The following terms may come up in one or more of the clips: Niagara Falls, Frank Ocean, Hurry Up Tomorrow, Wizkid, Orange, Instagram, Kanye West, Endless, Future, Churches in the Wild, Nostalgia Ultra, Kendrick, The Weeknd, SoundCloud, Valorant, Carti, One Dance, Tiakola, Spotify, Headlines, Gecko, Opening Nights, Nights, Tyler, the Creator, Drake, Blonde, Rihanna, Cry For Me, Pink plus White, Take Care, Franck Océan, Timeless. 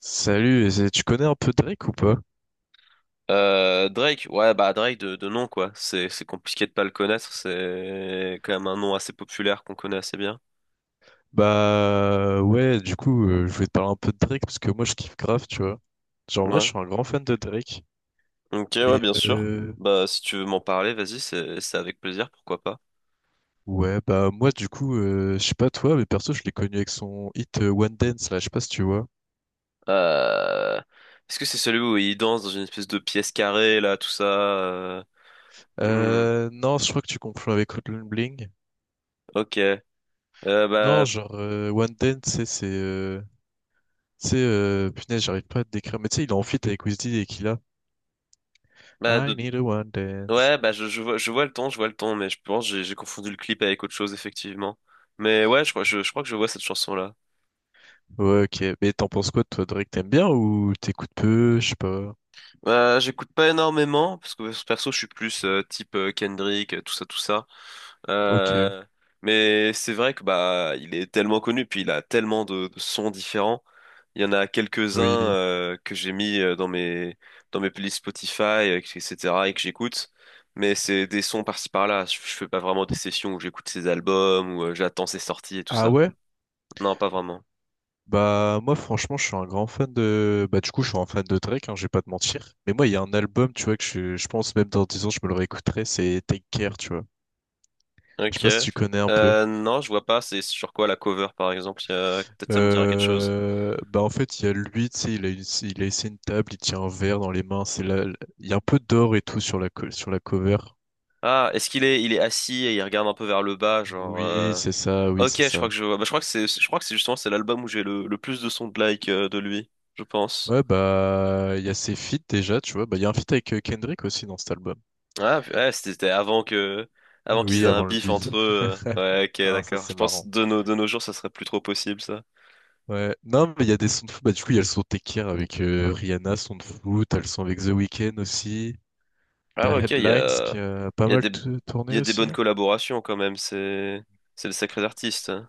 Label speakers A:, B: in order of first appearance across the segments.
A: Salut, et tu connais un peu Drake ou pas?
B: Drake, ouais, bah Drake de nom, quoi. C'est compliqué de pas le connaître. C'est quand même un nom assez populaire qu'on connaît assez bien.
A: Bah ouais, du coup, je voulais te parler un peu de Drake parce que moi je kiffe grave, tu vois. Genre en vrai, je
B: Ouais.
A: suis un grand fan de Drake.
B: Ok, ouais,
A: Et
B: bien sûr. Bah, si tu veux m'en parler, vas-y, c'est avec plaisir, pourquoi pas.
A: ouais, bah moi du coup, je sais pas toi, mais perso, je l'ai connu avec son hit One Dance là, je sais pas si tu vois.
B: Euh, Est-ce que c'est celui où il danse dans une espèce de pièce carrée, là, tout ça? Hmm,
A: Non, je crois que tu confonds avec Hotline Bling.
B: ok. Euh,
A: Non,
B: bah,
A: genre One Dance, tu sais, punaise, j'arrive pas à te décrire. Mais tu sais, il est en feat avec Wizkid et qu'il a
B: bah,
A: I
B: de-
A: need a one dance.
B: ouais, bah, je vois, je vois le ton, mais je pense que j'ai confondu le clip avec autre chose, effectivement. Mais ouais, je crois, je crois que je vois cette chanson-là.
A: Ouais, ok. Mais t'en penses quoi, toi, Drake, t'aimes bien ou t'écoutes peu? Je sais pas.
B: J'écoute pas énormément parce que perso je suis plus type Kendrick, tout ça, tout ça.
A: Ok.
B: Euh, mais c'est vrai que bah il est tellement connu puis il a tellement de sons différents. Il y en a quelques-uns
A: Oui.
B: que j'ai mis dans mes playlists Spotify, etc. et que j'écoute. Mais c'est des sons par-ci par-là. Je fais pas vraiment des sessions où j'écoute ses albums ou j'attends ses sorties et tout
A: Ah
B: ça.
A: ouais?
B: Non, pas vraiment.
A: Bah, moi, franchement, je suis un grand fan de. Bah, du coup, je suis un fan de Drake, hein, je vais pas te mentir. Mais moi, il y a un album, tu vois, que je pense même dans 10 ans, je me le réécouterai, c'est Take Care, tu vois. Je sais
B: Ok.
A: pas si tu connais un peu.
B: Non, je vois pas. C'est sur quoi la cover par exemple? Peut-être ça me dira quelque chose.
A: Bah en fait, il y a lui, tu sais, il a essayé une table, il tient un verre dans les mains. C'est là, il y a un peu d'or et tout sur sur la cover.
B: Ah, il est assis et il regarde un peu vers le bas, genre.
A: Oui, c'est ça, oui,
B: Ok,
A: c'est
B: je crois
A: ça.
B: que je vois. Bah, je crois que c'est justement c'est l'album où j'ai le plus de sons de like de lui, je pense.
A: Ouais, bah, il y a ses feats déjà, tu vois. Bah, il y a un feat avec Kendrick aussi dans cet album.
B: Ah, ouais, c'était avant qu'ils
A: Oui,
B: aient un
A: avant le
B: bif
A: beat.
B: entre eux. Ouais, ok,
A: Ah, ça,
B: d'accord. Je
A: c'est
B: pense
A: marrant.
B: de nos jours, ça serait plus trop possible ça.
A: Ouais. Non, mais il y a des sons de fou. Bah, du coup, il y a le son Tekir avec Rihanna, son de fou. T'as le son avec The Weeknd aussi.
B: Ah
A: T'as
B: ouais, ok,
A: Headlines qui a pas
B: il y a
A: mal
B: des, il y
A: tourné
B: a des
A: aussi,
B: bonnes
A: hein.
B: collaborations quand même. C'est le sacré artiste, hein.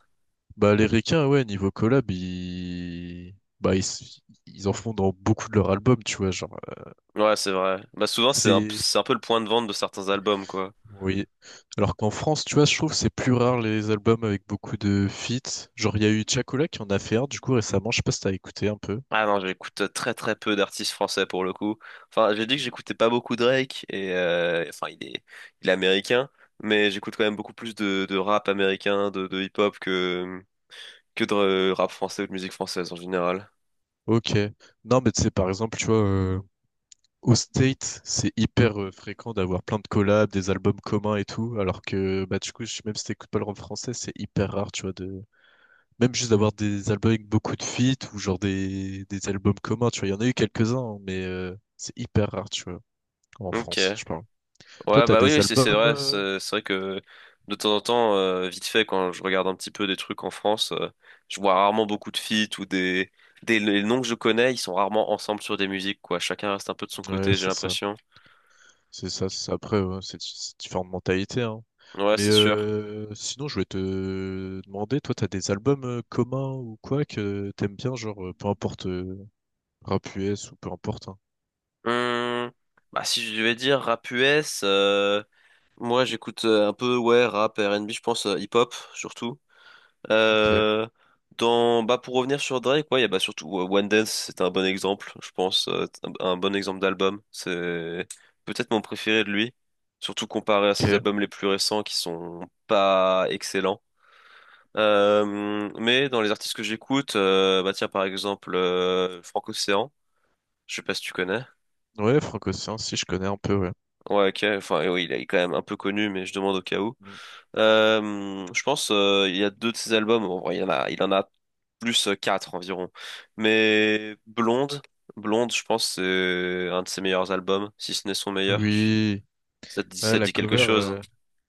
A: Bah, les requins, ouais, niveau collab, ils. Bah, ils en font dans beaucoup de leurs albums, tu vois, genre,
B: Ouais, c'est vrai. Bah souvent
A: c'est.
B: c'est un peu le point de vente de certains albums quoi.
A: Oui. Alors qu'en France, tu vois, je trouve que c'est plus rare les albums avec beaucoup de feats. Genre, il y a eu Tiakola qui en a fait un, du coup, récemment, je sais pas si t'as écouté un peu.
B: Ah non, j'écoute très très peu d'artistes français pour le coup. Enfin, j'ai dit que
A: Mm.
B: j'écoutais pas beaucoup Drake et enfin il est américain, mais j'écoute quand même beaucoup plus de rap américain, de hip-hop que de rap français ou de musique française en général.
A: Ok. Non, mais tu sais, par exemple, tu vois, au state, c'est hyper fréquent d'avoir plein de collabs, des albums communs et tout, alors que bah du coup, même si t'écoutes pas le rap français, c'est hyper rare, tu vois, de même juste d'avoir des albums avec beaucoup de feats ou genre des albums communs, tu vois, il y en a eu quelques-uns, mais c'est hyper rare, tu vois, en France,
B: Ok.
A: je parle. Toi,
B: Ouais,
A: t'as
B: bah oui,
A: des
B: oui,
A: albums, euh,
B: c'est vrai que de temps en temps, vite fait, quand je regarde un petit peu des trucs en France, je vois rarement beaucoup de feats ou des les noms que je connais, ils sont rarement ensemble sur des musiques quoi. Chacun reste un peu de son
A: Ouais,
B: côté, j'ai
A: c'est ça,
B: l'impression.
A: c'est ça, c'est ça. Après, ouais, c'est différentes mentalités, hein.
B: Ouais,
A: Mais
B: c'est sûr.
A: sinon, je voulais te demander, toi, t'as des albums communs ou quoi que t'aimes bien, genre, peu importe. Rap US ou peu importe, hein.
B: Hum, bah, si je devais dire rap US, moi j'écoute un peu ouais rap, R&B, je pense hip-hop surtout.
A: Ok,
B: Euh, dans bah pour revenir sur Drake, ouais, il y a bah surtout One Dance, c'est un bon exemple, je pense, un bon exemple d'album. C'est peut-être mon préféré de lui, surtout comparé à ses
A: ok.
B: albums les plus récents qui sont pas excellents. Mais dans les artistes que j'écoute, bah tiens par exemple Franck Océan, je sais pas si tu connais.
A: Ouais, Franco-Océan, si je connais un peu, ouais.
B: Ouais, ok. Enfin, oui, il est quand même un peu connu, mais je demande au cas où.
A: Mm.
B: Je pense il y a deux de ses albums. En vrai, il en a plus quatre environ. Mais Blonde, Blonde, je pense c'est un de ses meilleurs albums, si ce n'est son meilleur.
A: Oui.
B: Ça te dit,
A: Ah,
B: ça te dit quelque chose?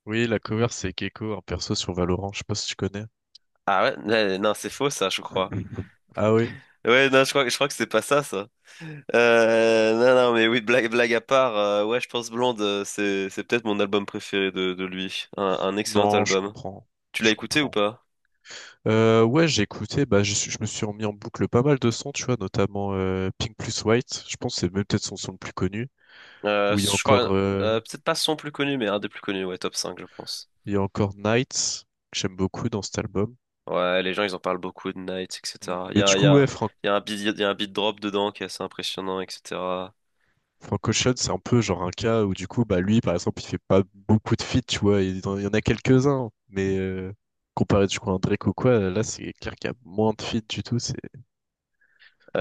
A: oui, la cover c'est Gecko, un perso sur Valorant, je sais pas si tu connais.
B: Ah ouais, mais non, c'est faux ça, je crois.
A: Ah oui,
B: Ouais, non, je crois que c'est pas ça, ça. Non, non, mais oui, blague à part, ouais, je pense Blonde, c'est peut-être mon album préféré de lui. Un excellent
A: non, je
B: album.
A: comprends,
B: Tu l'as
A: je
B: écouté ou
A: comprends.
B: pas?
A: Ouais, j'ai écouté, bah, je me suis remis en boucle pas mal de sons, tu vois, notamment Pink plus White, je pense que c'est même peut-être son son le plus connu, où il y a
B: Je crois,
A: encore,
B: peut-être pas son plus connu, mais un des plus connus, ouais, top 5 je pense.
A: il y a encore Nights, que j'aime beaucoup dans cet album.
B: Ouais, les gens, ils en parlent beaucoup de Night,
A: Mm.
B: etc.
A: Mais du coup, ouais,
B: Il y a il y a un beat drop dedans qui est assez impressionnant, etc.
A: Frank Ocean, c'est un peu genre un cas où du coup, bah lui, par exemple, il fait pas beaucoup de feats, tu vois, il y en a quelques-uns, mais comparé du coup à un Drake ou quoi, là c'est clair qu'il y a moins de feats du tout, c'est,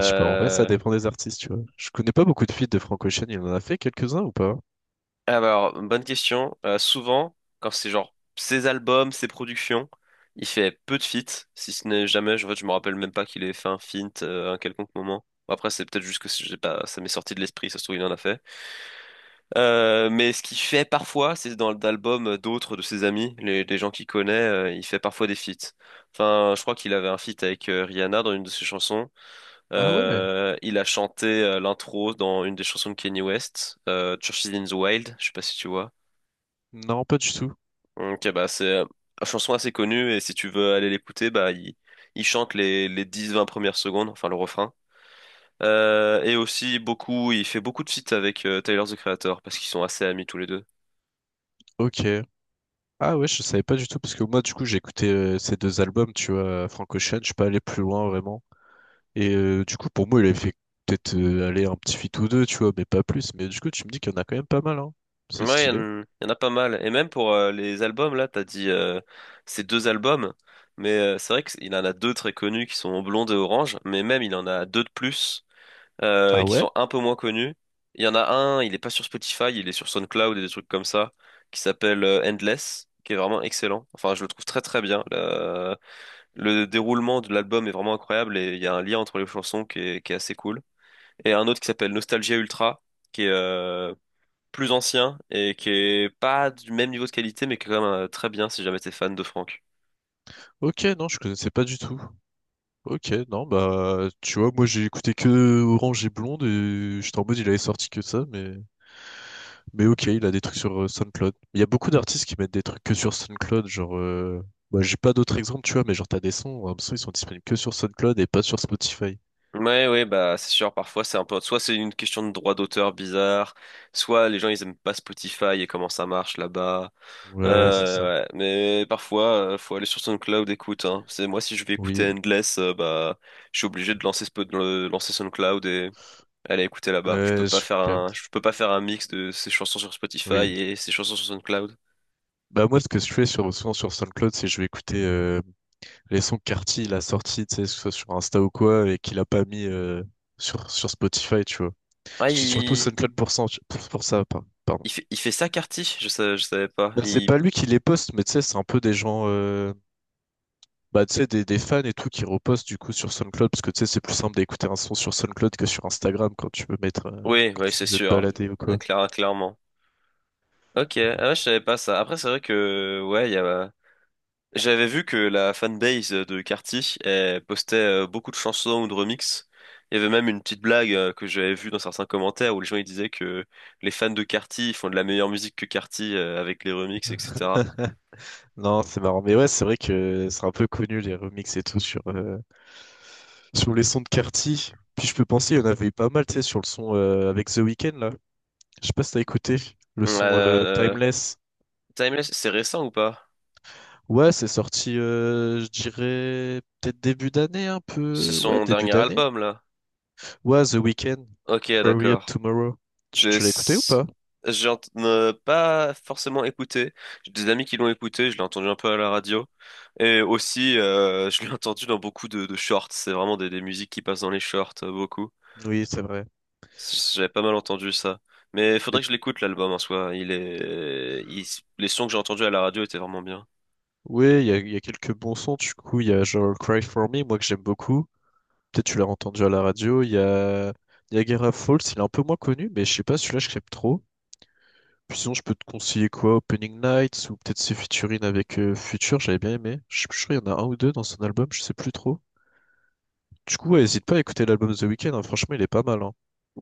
A: je sais pas, en vrai ça dépend des artistes, tu vois. Je connais pas beaucoup de feats de Frank Ocean, il en a fait quelques-uns ou pas?
B: ah bah alors, bonne question. Souvent, quand c'est genre ses albums, ses productions, il fait peu de feats, si ce n'est jamais, en fait, je me rappelle même pas qu'il ait fait un feat à un quelconque moment. Bon, après, c'est peut-être juste que j'ai pas, ça m'est sorti de l'esprit, ça se trouve, il en a fait. Mais ce qu'il fait parfois, c'est dans l'album d'autres de ses amis, les gens qu'il connaît, il fait parfois des feats. Enfin, je crois qu'il avait un feat avec Rihanna dans une de ses chansons.
A: Ah ouais?
B: Il a chanté l'intro dans une des chansons de Kanye West, Churches in the Wild, je sais pas si tu vois.
A: Non, pas du tout.
B: Donc, bah, c'est une chanson assez connue et si tu veux aller l'écouter, bah, il chante les 10-20 premières secondes, enfin le refrain. Et aussi beaucoup, il fait beaucoup de feats avec Tyler, the Creator parce qu'ils sont assez amis tous les deux.
A: Ok. Ah ouais, je savais pas du tout, parce que moi, du coup, j'ai écouté ces deux albums, tu vois, Frank Ocean, je suis pas allé plus loin, vraiment. Et du coup, pour moi, il avait fait peut-être aller un petit feat ou deux, tu vois, mais pas plus. Mais du coup, tu me dis qu'il y en a quand même pas mal, hein. C'est
B: Ouais,
A: stylé.
B: en y en a pas mal. Et même pour les albums, là, t'as dit ces deux albums. Mais c'est vrai qu'il en a deux très connus qui sont Blonde et Orange. Mais même, il en a deux de plus
A: Ah
B: qui
A: ouais?
B: sont un peu moins connus. Il y en a un, il est pas sur Spotify, il est sur SoundCloud et des trucs comme ça, qui s'appelle Endless, qui est vraiment excellent. Enfin, je le trouve très très bien. Le déroulement de l'album est vraiment incroyable et il y a un lien entre les chansons qui est assez cool. Et un autre qui s'appelle Nostalgia Ultra, qui est plus ancien et qui est pas du même niveau de qualité, mais qui est quand même très bien si jamais t'es fan de Franck.
A: Ok, non, je connaissais pas du tout. Ok, non, bah, tu vois, moi, j'ai écouté que Orange et Blonde, et j'étais en mode, il avait sorti que ça, mais. Mais ok, il a des trucs sur SoundCloud. Il y a beaucoup d'artistes qui mettent des trucs que sur SoundCloud, genre. Bah j'ai pas d'autres exemples, tu vois, mais genre t'as des sons, un son, ils sont disponibles que sur SoundCloud et pas sur Spotify.
B: Ouais, ouais, bah c'est sûr, parfois c'est un peu. Soit c'est une question de droit d'auteur bizarre, soit les gens ils aiment pas Spotify et comment ça marche là-bas.
A: Ouais, c'est ça.
B: Ouais, mais parfois faut aller sur SoundCloud écoute, hein. C'est moi si je vais
A: Oui.
B: écouter Endless, bah je suis obligé de lancer, lancer SoundCloud et aller écouter là-bas.
A: Euh, je capte.
B: Je peux pas faire un mix de ces chansons sur Spotify
A: Oui.
B: et ces chansons sur SoundCloud.
A: Bah moi, ce que je fais souvent sur SoundCloud, c'est je vais écouter les sons que Carti il a sortis, tu sais, que ce soit sur Insta ou quoi, et qu'il a pas mis sur Spotify, tu vois.
B: Ouais,
A: Je dis surtout SoundCloud pour ça, pardon.
B: Il fait ça, Carty? Je savais pas.
A: Bah, c'est
B: Il...
A: pas lui qui les poste, mais tu sais, c'est un peu des gens, bah, tu sais, des fans et tout qui repostent du coup sur SoundCloud, parce que tu sais, c'est plus simple d'écouter un son sur SoundCloud que sur Instagram quand tu veux mettre, euh,
B: Oui,
A: quand
B: oui,
A: tu
B: c'est
A: veux te
B: sûr.
A: balader ou quoi.
B: Clairement. Ok, ah ouais, je savais pas ça. Après, c'est vrai que, ouais, il y a... J'avais vu que la fanbase de Carty elle postait beaucoup de chansons ou de remixes. Il y avait même une petite blague que j'avais vue dans certains commentaires où les gens ils disaient que les fans de Carty ils font de la meilleure musique que Carty avec les remixes, etc.
A: Non, c'est marrant. Mais ouais, c'est vrai que c'est un peu connu les remixes et tout sur les sons de Carti. Puis je peux penser, il y en avait eu pas mal, tu sais, sur le son avec The Weeknd là. Je sais pas si t'as écouté le son
B: Euh, euh,
A: Timeless.
B: Timeless, c'est récent ou pas?
A: Ouais, c'est sorti, je dirais, peut-être début d'année, un
B: C'est
A: peu. Ouais,
B: son
A: début
B: dernier
A: d'année.
B: album, là.
A: Ouais, The Weeknd,
B: Ok,
A: Hurry Up
B: d'accord.
A: Tomorrow. Tu,
B: J'ai
A: tu l'as écouté ou
B: s-
A: pas?
B: j'ai ent- Pas forcément écouté. J'ai des amis qui l'ont écouté, je l'ai entendu un peu à la radio. Et aussi, je l'ai entendu dans beaucoup de shorts. C'est vraiment des musiques qui passent dans les shorts, beaucoup.
A: Oui, c'est vrai.
B: J'avais pas mal entendu ça. Mais faudrait
A: Mais-
B: que je l'écoute, l'album en soi. Il est... Les sons que j'ai entendus à la radio étaient vraiment bien.
A: oui, il y a quelques bons sons, du coup. Il y a genre Cry For Me, moi que j'aime beaucoup. Peut-être tu l'as entendu à la radio. Il y a Niagara Falls, il est un peu moins connu, mais je sais pas, celui-là, je l'aime trop. Puis sinon, je peux te conseiller quoi? Opening Nights ou peut-être ses featuring avec Future, j'avais bien aimé. Je suis plus sûr, il y en a un ou deux dans son album, je sais plus trop. Du coup, ouais, hésite pas à écouter l'album de The Weeknd, hein, franchement, il est pas mal, hein.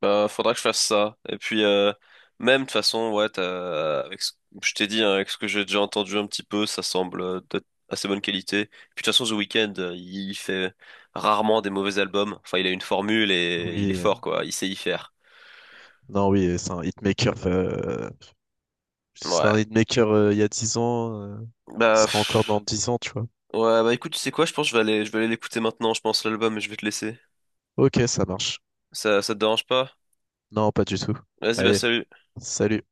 B: Bah, faudra que je fasse ça. Et puis, même de toute façon, ouais, je t'ai dit, hein, avec ce que j'ai déjà entendu un petit peu, ça semble d'être assez bonne qualité. Puis de toute façon, The Weeknd, il fait rarement des mauvais albums. Enfin, il a une formule et il est
A: Oui,
B: fort, quoi. Il sait y faire.
A: non, oui, c'est un hitmaker, ce
B: Ouais.
A: sera un hitmaker il y a 10 ans, il
B: Bah,
A: sera encore dans
B: pff.
A: 10 ans, tu vois.
B: Ouais, bah écoute, tu sais quoi, je pense que je vais aller l'écouter maintenant, je pense, l'album, et je vais te laisser.
A: Ok, ça marche.
B: Ça te dérange pas?
A: Non, pas du tout.
B: Vas-y, bah
A: Allez,
B: salut.
A: salut.